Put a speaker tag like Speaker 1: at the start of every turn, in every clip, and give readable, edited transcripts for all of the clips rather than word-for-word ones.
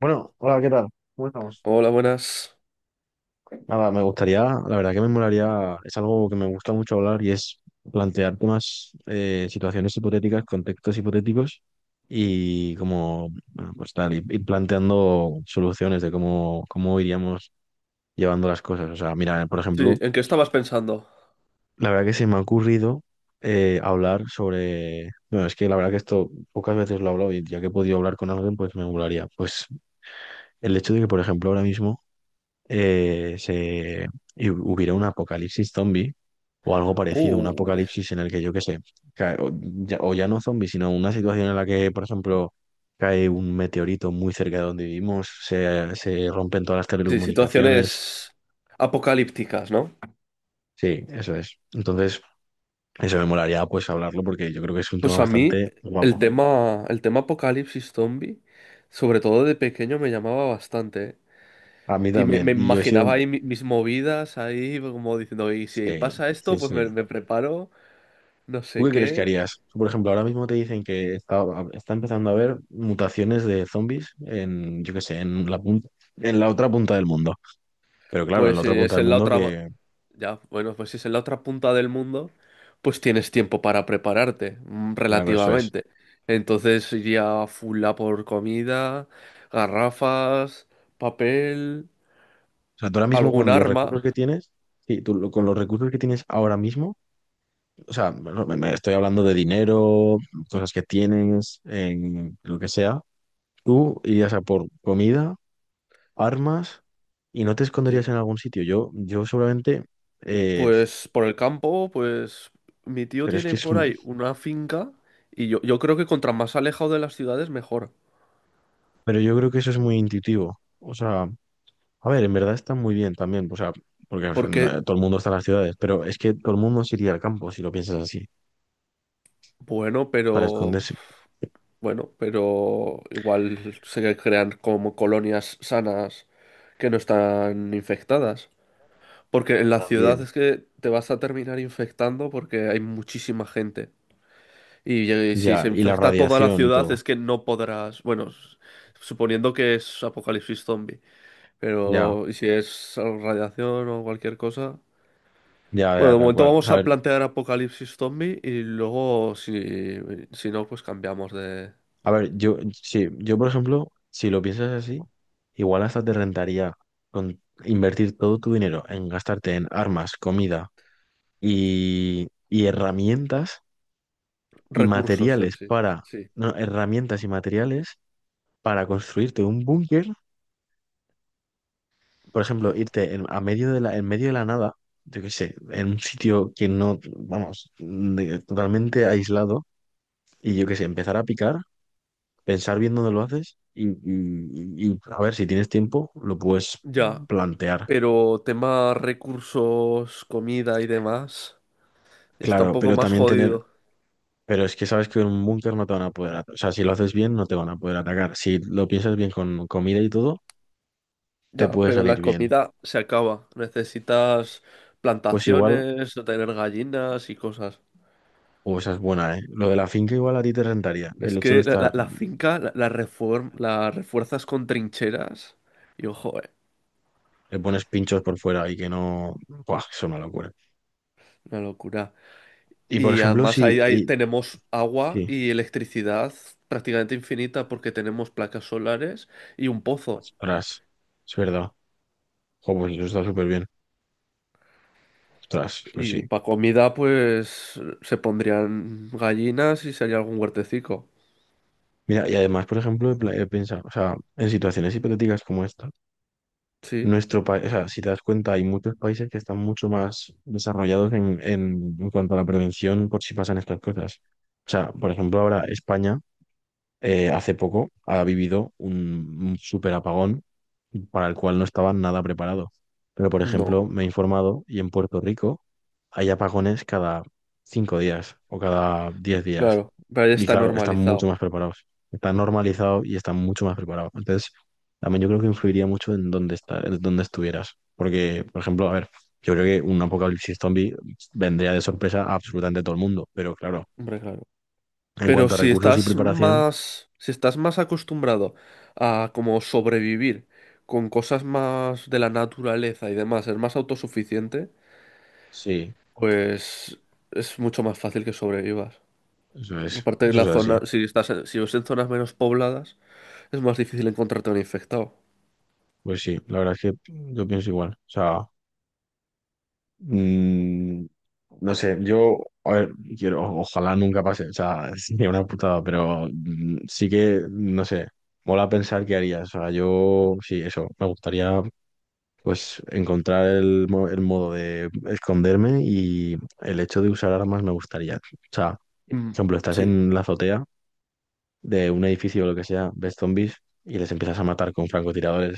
Speaker 1: Bueno, hola, ¿qué tal? ¿Cómo estamos?
Speaker 2: Hola, buenas.
Speaker 1: Nada, me gustaría, la verdad que me molaría, es algo que me gusta mucho hablar y es plantear temas, situaciones hipotéticas, contextos hipotéticos y como, bueno, pues tal, ir planteando soluciones de cómo, cómo iríamos llevando las cosas. O sea, mira, por
Speaker 2: Sí,
Speaker 1: ejemplo,
Speaker 2: ¿en qué estabas pensando?
Speaker 1: la verdad que se me ha ocurrido hablar sobre, bueno, es que la verdad que esto pocas veces lo he hablado y ya que he podido hablar con alguien, pues me molaría. Pues el hecho de que, por ejemplo, ahora mismo eh, se, y hubiera un apocalipsis zombie o algo parecido, un
Speaker 2: Uh,
Speaker 1: apocalipsis en el que yo qué sé, cae- o, ya, o ya no zombie, sino una situación en la que, por ejemplo, cae un meteorito muy cerca de donde vivimos, se rompen todas las
Speaker 2: sí,
Speaker 1: telecomunicaciones.
Speaker 2: situaciones apocalípticas, ¿no?
Speaker 1: Sí, eso es. Entonces, eso me molaría pues hablarlo porque yo creo que es un tema
Speaker 2: Pues a mí
Speaker 1: bastante
Speaker 2: el
Speaker 1: guapo.
Speaker 2: tema, el tema apocalipsis zombie, sobre todo de pequeño, me llamaba bastante, ¿eh?
Speaker 1: A mí
Speaker 2: Y me,
Speaker 1: también.
Speaker 2: me
Speaker 1: Y yo he sido...
Speaker 2: imaginaba ahí mis movidas, ahí como diciendo, y si
Speaker 1: Sí,
Speaker 2: pasa
Speaker 1: sí,
Speaker 2: esto, pues me,
Speaker 1: sí.
Speaker 2: me preparo, no
Speaker 1: ¿Tú
Speaker 2: sé
Speaker 1: qué crees que
Speaker 2: qué.
Speaker 1: harías? Por ejemplo, ahora mismo te dicen que está empezando a haber mutaciones de zombies en, yo qué sé, en la punta, en la otra punta del mundo. Pero claro, en
Speaker 2: Pues
Speaker 1: la
Speaker 2: si
Speaker 1: otra punta
Speaker 2: es
Speaker 1: del
Speaker 2: en la
Speaker 1: mundo
Speaker 2: otra,
Speaker 1: que,
Speaker 2: Ya, Bueno, pues si es en la otra punta del mundo, pues tienes tiempo para prepararte,
Speaker 1: claro, eso es.
Speaker 2: relativamente. Entonces iría full a por comida, garrafas, papel,
Speaker 1: O sea, tú ahora mismo
Speaker 2: algún
Speaker 1: con los
Speaker 2: arma.
Speaker 1: recursos que tienes, sí, con los recursos que tienes ahora mismo, o sea, bueno, me estoy hablando de dinero, cosas que tienes, en lo que sea, tú irías a por comida, armas y no te
Speaker 2: Sí.
Speaker 1: esconderías en algún sitio. Yo seguramente, eh,
Speaker 2: Pues por el campo, pues mi tío
Speaker 1: pero es
Speaker 2: tiene
Speaker 1: que es...
Speaker 2: por ahí una finca y yo creo que contra más alejado de las ciudades mejor.
Speaker 1: Pero yo creo que eso es muy intuitivo. O sea, a ver, en verdad está muy bien también. O sea, porque o sea,
Speaker 2: Porque,
Speaker 1: todo el mundo está en las ciudades, pero es que todo el mundo se iría al campo, si lo piensas así,
Speaker 2: bueno,
Speaker 1: para
Speaker 2: pero
Speaker 1: esconderse.
Speaker 2: Bueno, pero igual se crean como colonias sanas que no están infectadas. Porque en la ciudad
Speaker 1: También.
Speaker 2: es que te vas a terminar infectando porque hay muchísima gente. Y si se
Speaker 1: Ya, y la
Speaker 2: infecta toda la
Speaker 1: radiación y
Speaker 2: ciudad
Speaker 1: todo.
Speaker 2: es que no podrás, suponiendo que es apocalipsis zombie,
Speaker 1: Ya,
Speaker 2: pero ¿y si es radiación o cualquier cosa?
Speaker 1: ya,
Speaker 2: Bueno,
Speaker 1: ya,
Speaker 2: de
Speaker 1: tal
Speaker 2: momento
Speaker 1: cual. O
Speaker 2: vamos
Speaker 1: sea,
Speaker 2: a plantear apocalipsis zombie y luego si no, pues cambiamos de
Speaker 1: a ver, yo, sí, yo, por ejemplo, si lo piensas así, igual hasta te rentaría con invertir todo tu dinero en gastarte en armas, comida y herramientas y
Speaker 2: recursos en
Speaker 1: materiales
Speaker 2: sí.
Speaker 1: para,
Speaker 2: Sí.
Speaker 1: no, herramientas y materiales para construirte un búnker, por ejemplo, irte en, a medio de la, en medio de la nada, yo qué sé, en un sitio que no, vamos, totalmente aislado, y yo qué sé, empezar a picar, pensar bien dónde lo haces y a ver si tienes tiempo, lo puedes
Speaker 2: Ya,
Speaker 1: plantear.
Speaker 2: pero tema recursos, comida y demás, está un
Speaker 1: Claro,
Speaker 2: poco
Speaker 1: pero
Speaker 2: más
Speaker 1: también tener,
Speaker 2: jodido.
Speaker 1: pero es que sabes que en un búnker no te van a poder atacar, o sea, si lo haces bien no te van a poder atacar, si lo piensas bien con comida y todo, te
Speaker 2: Ya,
Speaker 1: puede
Speaker 2: pero
Speaker 1: salir
Speaker 2: la
Speaker 1: bien.
Speaker 2: comida se acaba. Necesitas
Speaker 1: Pues igual...
Speaker 2: plantaciones, no tener gallinas y cosas.
Speaker 1: O esa es buena, ¿eh? Lo de la finca igual a ti te rentaría.
Speaker 2: Es
Speaker 1: El
Speaker 2: que
Speaker 1: hecho de estar
Speaker 2: la finca la refuerzas con trincheras y ojo,
Speaker 1: Le pones pinchos por fuera y que no. Buah, es una locura.
Speaker 2: una locura.
Speaker 1: Y por
Speaker 2: Y
Speaker 1: ejemplo,
Speaker 2: además
Speaker 1: si.
Speaker 2: ahí
Speaker 1: y-
Speaker 2: tenemos agua
Speaker 1: sí,
Speaker 2: y electricidad prácticamente infinita porque tenemos placas solares y un pozo.
Speaker 1: ostras, es verdad. Jo, pues eso está súper bien. Ostras, pues
Speaker 2: Y
Speaker 1: sí.
Speaker 2: para comida, pues se pondrían gallinas y sería algún huertecico.
Speaker 1: Mira, y además, por ejemplo, he pensado, o sea, en situaciones hipotéticas como esta,
Speaker 2: Sí,
Speaker 1: nuestro país, o sea, si te das cuenta, hay muchos países que están mucho más desarrollados en cuanto a la prevención por si pasan estas cosas. O sea, por ejemplo, ahora España. Hace poco ha vivido un, super apagón para el cual no estaba nada preparado. Pero, por
Speaker 2: no,
Speaker 1: ejemplo, me he informado y en Puerto Rico hay apagones cada 5 días o cada 10 días.
Speaker 2: claro, pero ya
Speaker 1: Y
Speaker 2: está
Speaker 1: claro, están mucho más
Speaker 2: normalizado.
Speaker 1: preparados. Está normalizado y están mucho más preparados. Entonces, también yo creo que influiría mucho en dónde está, en dónde estuvieras. Porque, por ejemplo, a ver, yo creo que un apocalipsis zombie vendría de sorpresa a absolutamente todo el mundo. Pero claro,
Speaker 2: Hombre, claro.
Speaker 1: en
Speaker 2: Pero
Speaker 1: cuanto a recursos y preparación,
Speaker 2: si estás más acostumbrado a como sobrevivir con cosas más de la naturaleza y demás, ser más autosuficiente,
Speaker 1: sí,
Speaker 2: pues es mucho más fácil que sobrevivas. Aparte de
Speaker 1: Eso es
Speaker 2: la
Speaker 1: así.
Speaker 2: zona, si estás en zonas menos pobladas, es más difícil encontrarte un infectado.
Speaker 1: Pues sí, la verdad es que yo pienso igual. O sea, mm, no sé, yo, a ver, quiero, ojalá nunca pase, o sea, sería una putada, pero mm, sí que, no sé, mola pensar qué haría. O sea, yo, sí, eso, me gustaría, pues, encontrar el, el modo de esconderme y el hecho de usar armas me gustaría. O sea, por
Speaker 2: Mm,
Speaker 1: ejemplo, estás
Speaker 2: Sí,
Speaker 1: en la azotea de un edificio o lo que sea, ves zombies y les empiezas a matar con francotiradores.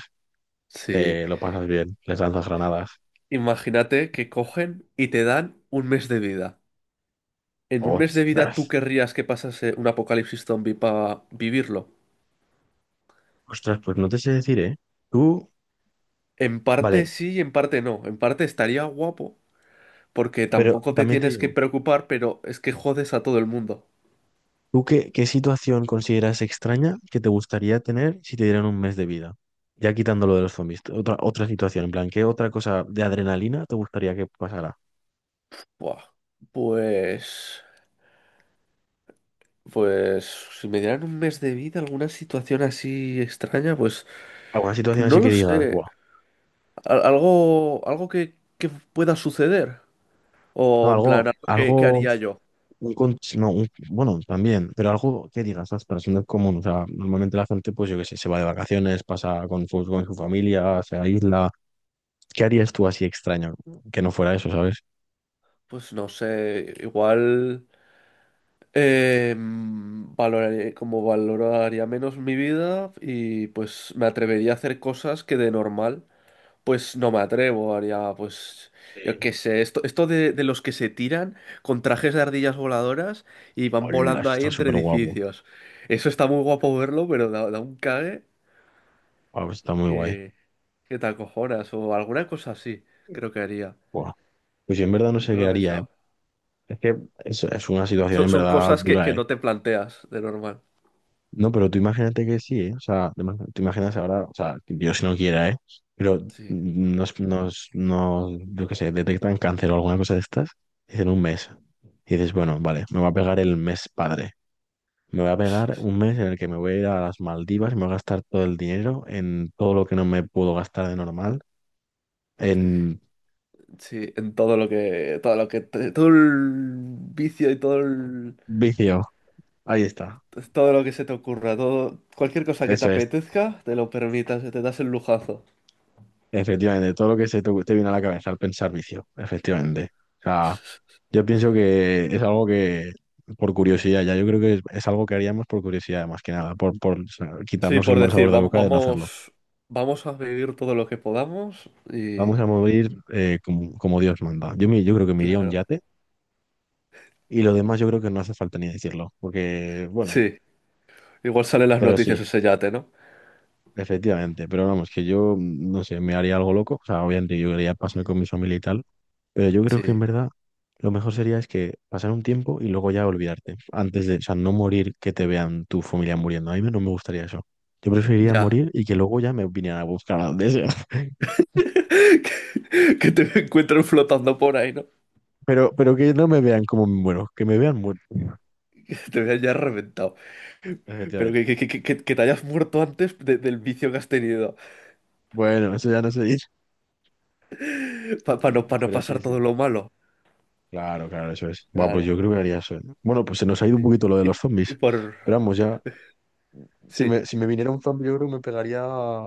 Speaker 2: sí.
Speaker 1: Te lo pasas bien, les lanzas granadas.
Speaker 2: Imagínate que cogen y te dan un mes de vida. ¿En un mes de vida
Speaker 1: Ostras,
Speaker 2: tú querrías que pasase un apocalipsis zombie para vivirlo?
Speaker 1: ostras, pues no te sé decir, ¿eh? Tú,
Speaker 2: En parte
Speaker 1: vale,
Speaker 2: sí y en parte no. En parte estaría guapo, porque
Speaker 1: pero
Speaker 2: tampoco te
Speaker 1: también te
Speaker 2: tienes que
Speaker 1: digo,
Speaker 2: preocupar, pero es que jodes a todo el mundo.
Speaker 1: ¿tú qué, qué situación consideras extraña que te gustaría tener si te dieran un mes de vida? Ya quitando lo de los zombies, otra, otra situación, en plan, ¿qué otra cosa de adrenalina te gustaría que pasara?
Speaker 2: Buah. Pues... Pues si me dieran un mes de vida, alguna situación así extraña, pues,
Speaker 1: ¿Alguna situación
Speaker 2: pues no
Speaker 1: así que
Speaker 2: lo
Speaker 1: digas,
Speaker 2: sé.
Speaker 1: buah?
Speaker 2: Algo que pueda suceder.
Speaker 1: No,
Speaker 2: O en
Speaker 1: algo,
Speaker 2: plan, que
Speaker 1: algo,
Speaker 2: haría yo.
Speaker 1: un con- no, un- bueno, también, pero algo que digas, ostras, no es común. O sea, normalmente la gente, pues yo qué sé, se va de vacaciones, pasa con su familia, se aísla. ¿Qué harías tú así extraño? Que no fuera eso, ¿sabes?
Speaker 2: Pues no sé, igual como valoraría menos mi vida y pues me atrevería a hacer cosas que de normal pues no me atrevo, haría pues
Speaker 1: Eh,
Speaker 2: yo qué sé, de los que se tiran con trajes de ardillas voladoras y van
Speaker 1: hola,
Speaker 2: volando
Speaker 1: eso
Speaker 2: ahí
Speaker 1: está
Speaker 2: entre
Speaker 1: súper guapo.
Speaker 2: edificios. Eso está muy guapo verlo, pero da un cague
Speaker 1: Wow, está muy guay.
Speaker 2: que, que te acojonas o alguna cosa así, creo que haría.
Speaker 1: Buah. Pues yo en verdad no sé
Speaker 2: Nunca lo
Speaker 1: qué
Speaker 2: he
Speaker 1: haría, ¿eh?
Speaker 2: pensado.
Speaker 1: Es que es una situación
Speaker 2: Son,
Speaker 1: en
Speaker 2: son
Speaker 1: verdad
Speaker 2: cosas que
Speaker 1: dura, ¿eh?
Speaker 2: no te planteas de normal.
Speaker 1: No, pero tú imagínate que sí, ¿eh? O sea, tú imaginas ahora, o sea, que Dios si no quiera, ¿eh? Pero
Speaker 2: Sí,
Speaker 1: yo qué sé, detectan cáncer o alguna cosa de estas, dicen un mes. Y dices, bueno, vale, me va a pegar el mes padre. Me voy a pegar un mes en el que me voy a ir a las Maldivas y me voy a gastar todo el dinero en todo lo que no me puedo gastar de normal. En
Speaker 2: sí, en todo lo que, todo lo que, todo el vicio y todo el,
Speaker 1: vicio. Ahí está.
Speaker 2: todo lo que se te ocurra, todo, cualquier cosa que te
Speaker 1: Eso es.
Speaker 2: apetezca, te lo permitas, te das el lujazo.
Speaker 1: Efectivamente. Todo lo que se te, te viene a la cabeza al pensar vicio. Efectivamente. O sea, yo pienso que es algo que, por curiosidad, ya yo creo que es algo que haríamos por curiosidad, más que nada, por o sea,
Speaker 2: Sí,
Speaker 1: quitarnos el
Speaker 2: por
Speaker 1: mal
Speaker 2: decir,
Speaker 1: sabor de boca de no hacerlo.
Speaker 2: vamos, vamos a vivir todo lo que podamos
Speaker 1: Vamos
Speaker 2: y,
Speaker 1: a morir como, como Dios manda. Yo, yo creo que me iría a un
Speaker 2: claro,
Speaker 1: yate. Y lo demás yo creo que no hace falta ni decirlo, porque, bueno,
Speaker 2: sí, igual salen las
Speaker 1: Pero sí,
Speaker 2: noticias ese yate, ¿no?
Speaker 1: efectivamente. Pero vamos, que yo, mm, no sé, me haría algo loco. O sea, obviamente yo quería pasar con mi familia y tal. Pero yo creo que en
Speaker 2: Sí,
Speaker 1: verdad lo mejor sería es que pasar un tiempo y luego ya olvidarte. Antes de, o sea, no morir que te vean tu familia muriendo. A mí no me gustaría eso. Yo preferiría
Speaker 2: ya.
Speaker 1: morir y que luego ya me vinieran a buscar a donde sea.
Speaker 2: Que te encuentren flotando por ahí, ¿no?
Speaker 1: Pero que no me vean como me muero, que me vean muerto.
Speaker 2: Que te vean ya reventado. Pero que,
Speaker 1: Efectivamente.
Speaker 2: que te hayas muerto antes del vicio que has tenido.
Speaker 1: Bueno, eso ya no se dice.
Speaker 2: Para no, pa no
Speaker 1: Pero
Speaker 2: pasar
Speaker 1: sí, sí.
Speaker 2: todo lo malo.
Speaker 1: Claro, claro, eso es. Bueno, pues
Speaker 2: Claro,
Speaker 1: yo creo que haría eso. ¿Eh? Bueno, pues se nos ha ido un
Speaker 2: sí.
Speaker 1: poquito lo de los
Speaker 2: Y,
Speaker 1: zombies.
Speaker 2: y por...
Speaker 1: Pero vamos, ya si
Speaker 2: Sí.
Speaker 1: me, si me viniera un zombie, yo creo que me pegaría,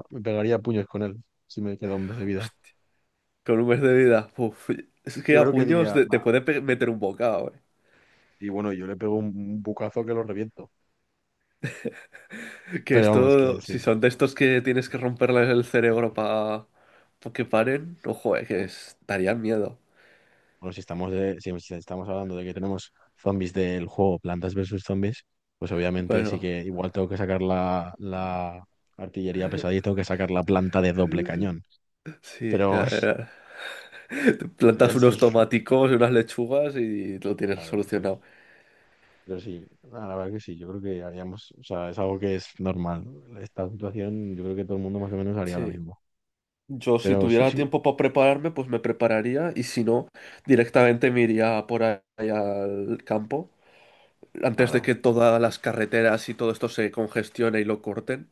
Speaker 1: me pegaría a puños con él, si me queda un mes de vida.
Speaker 2: Hostia, con un mes de vida, es que
Speaker 1: Yo
Speaker 2: a
Speaker 1: creo que
Speaker 2: puños
Speaker 1: diría, va,
Speaker 2: te puede meter un bocado, eh.
Speaker 1: y bueno, yo le pego un bucazo que lo reviento.
Speaker 2: Que
Speaker 1: Pero vamos,
Speaker 2: esto,
Speaker 1: que
Speaker 2: si
Speaker 1: sí.
Speaker 2: son de estos que tienes que romperles el cerebro para que paren, ojo, darían miedo.
Speaker 1: Bueno, si estamos, de, si estamos hablando de que tenemos zombies del juego Plantas versus Zombies, pues obviamente sí
Speaker 2: Bueno,
Speaker 1: que igual tengo que sacar la artillería pesada y tengo que sacar la planta de doble cañón.
Speaker 2: sí.
Speaker 1: Pero,
Speaker 2: Ya. Te plantas
Speaker 1: pero
Speaker 2: unos
Speaker 1: sí,
Speaker 2: tomáticos y unas lechugas y lo tienes
Speaker 1: claro, eso es.
Speaker 2: solucionado.
Speaker 1: Pero sí, la verdad que sí, yo creo que haríamos, o sea, es algo que es normal. ¿No? Esta situación, yo creo que todo el mundo más o menos haría lo
Speaker 2: Sí.
Speaker 1: mismo.
Speaker 2: Yo si
Speaker 1: Pero sí,
Speaker 2: tuviera
Speaker 1: sí,
Speaker 2: tiempo para prepararme, pues me prepararía y si no, directamente me iría por ahí al campo antes de
Speaker 1: claro.
Speaker 2: que todas las carreteras y todo esto se congestione y lo corten,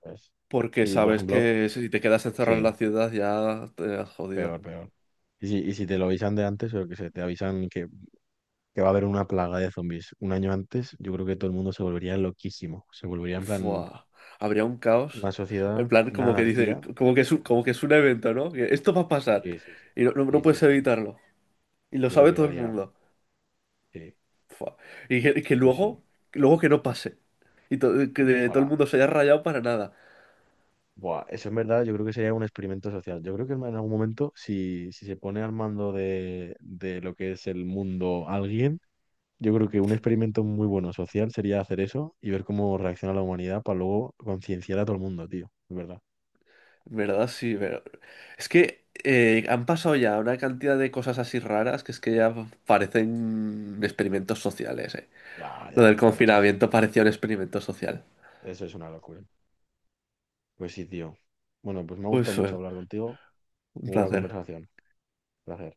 Speaker 1: Pues,
Speaker 2: porque
Speaker 1: sí, por
Speaker 2: sabes
Speaker 1: ejemplo,
Speaker 2: que si te quedas encerrado en la
Speaker 1: sí,
Speaker 2: ciudad ya te has jodido.
Speaker 1: peor, peor. Y si te lo avisan de antes, o que se te avisan que va a haber una plaga de zombies un año antes, yo creo que todo el mundo se volvería loquísimo. Se volvería en plan
Speaker 2: Fua, habría un
Speaker 1: una
Speaker 2: caos.
Speaker 1: sociedad,
Speaker 2: En plan,
Speaker 1: una
Speaker 2: como que dice,
Speaker 1: anarquía.
Speaker 2: como que es un evento, ¿no? Que esto va a pasar
Speaker 1: Sí, sí, sí.
Speaker 2: y no no
Speaker 1: Sí, sí,
Speaker 2: puedes
Speaker 1: sí.
Speaker 2: evitarlo. Y lo
Speaker 1: Yo creo
Speaker 2: sabe
Speaker 1: que
Speaker 2: todo el
Speaker 1: haría,
Speaker 2: mundo.
Speaker 1: sí,
Speaker 2: Fua. Y que
Speaker 1: pues sí.
Speaker 2: luego, luego que no pase. Y todo el
Speaker 1: Ojalá.
Speaker 2: mundo se haya rayado para nada.
Speaker 1: Buah, eso en verdad yo creo que sería un experimento social. Yo creo que en algún momento, si se pone al mando de lo que es el mundo alguien, yo creo que un experimento muy bueno social sería hacer eso y ver cómo reacciona la humanidad para luego concienciar a todo el mundo, tío. Es verdad.
Speaker 2: En verdad, sí, pero... Es que han pasado ya una cantidad de cosas así raras que es que ya parecen experimentos sociales, eh.
Speaker 1: Ya,
Speaker 2: Lo
Speaker 1: ya,
Speaker 2: del
Speaker 1: la verdad que sí.
Speaker 2: confinamiento parecía un experimento social.
Speaker 1: Eso es una locura. Pues sí, tío. Bueno, pues me ha
Speaker 2: Pues
Speaker 1: gustado mucho
Speaker 2: fue
Speaker 1: hablar contigo.
Speaker 2: un
Speaker 1: Muy buena
Speaker 2: placer.
Speaker 1: conversación. Gracias.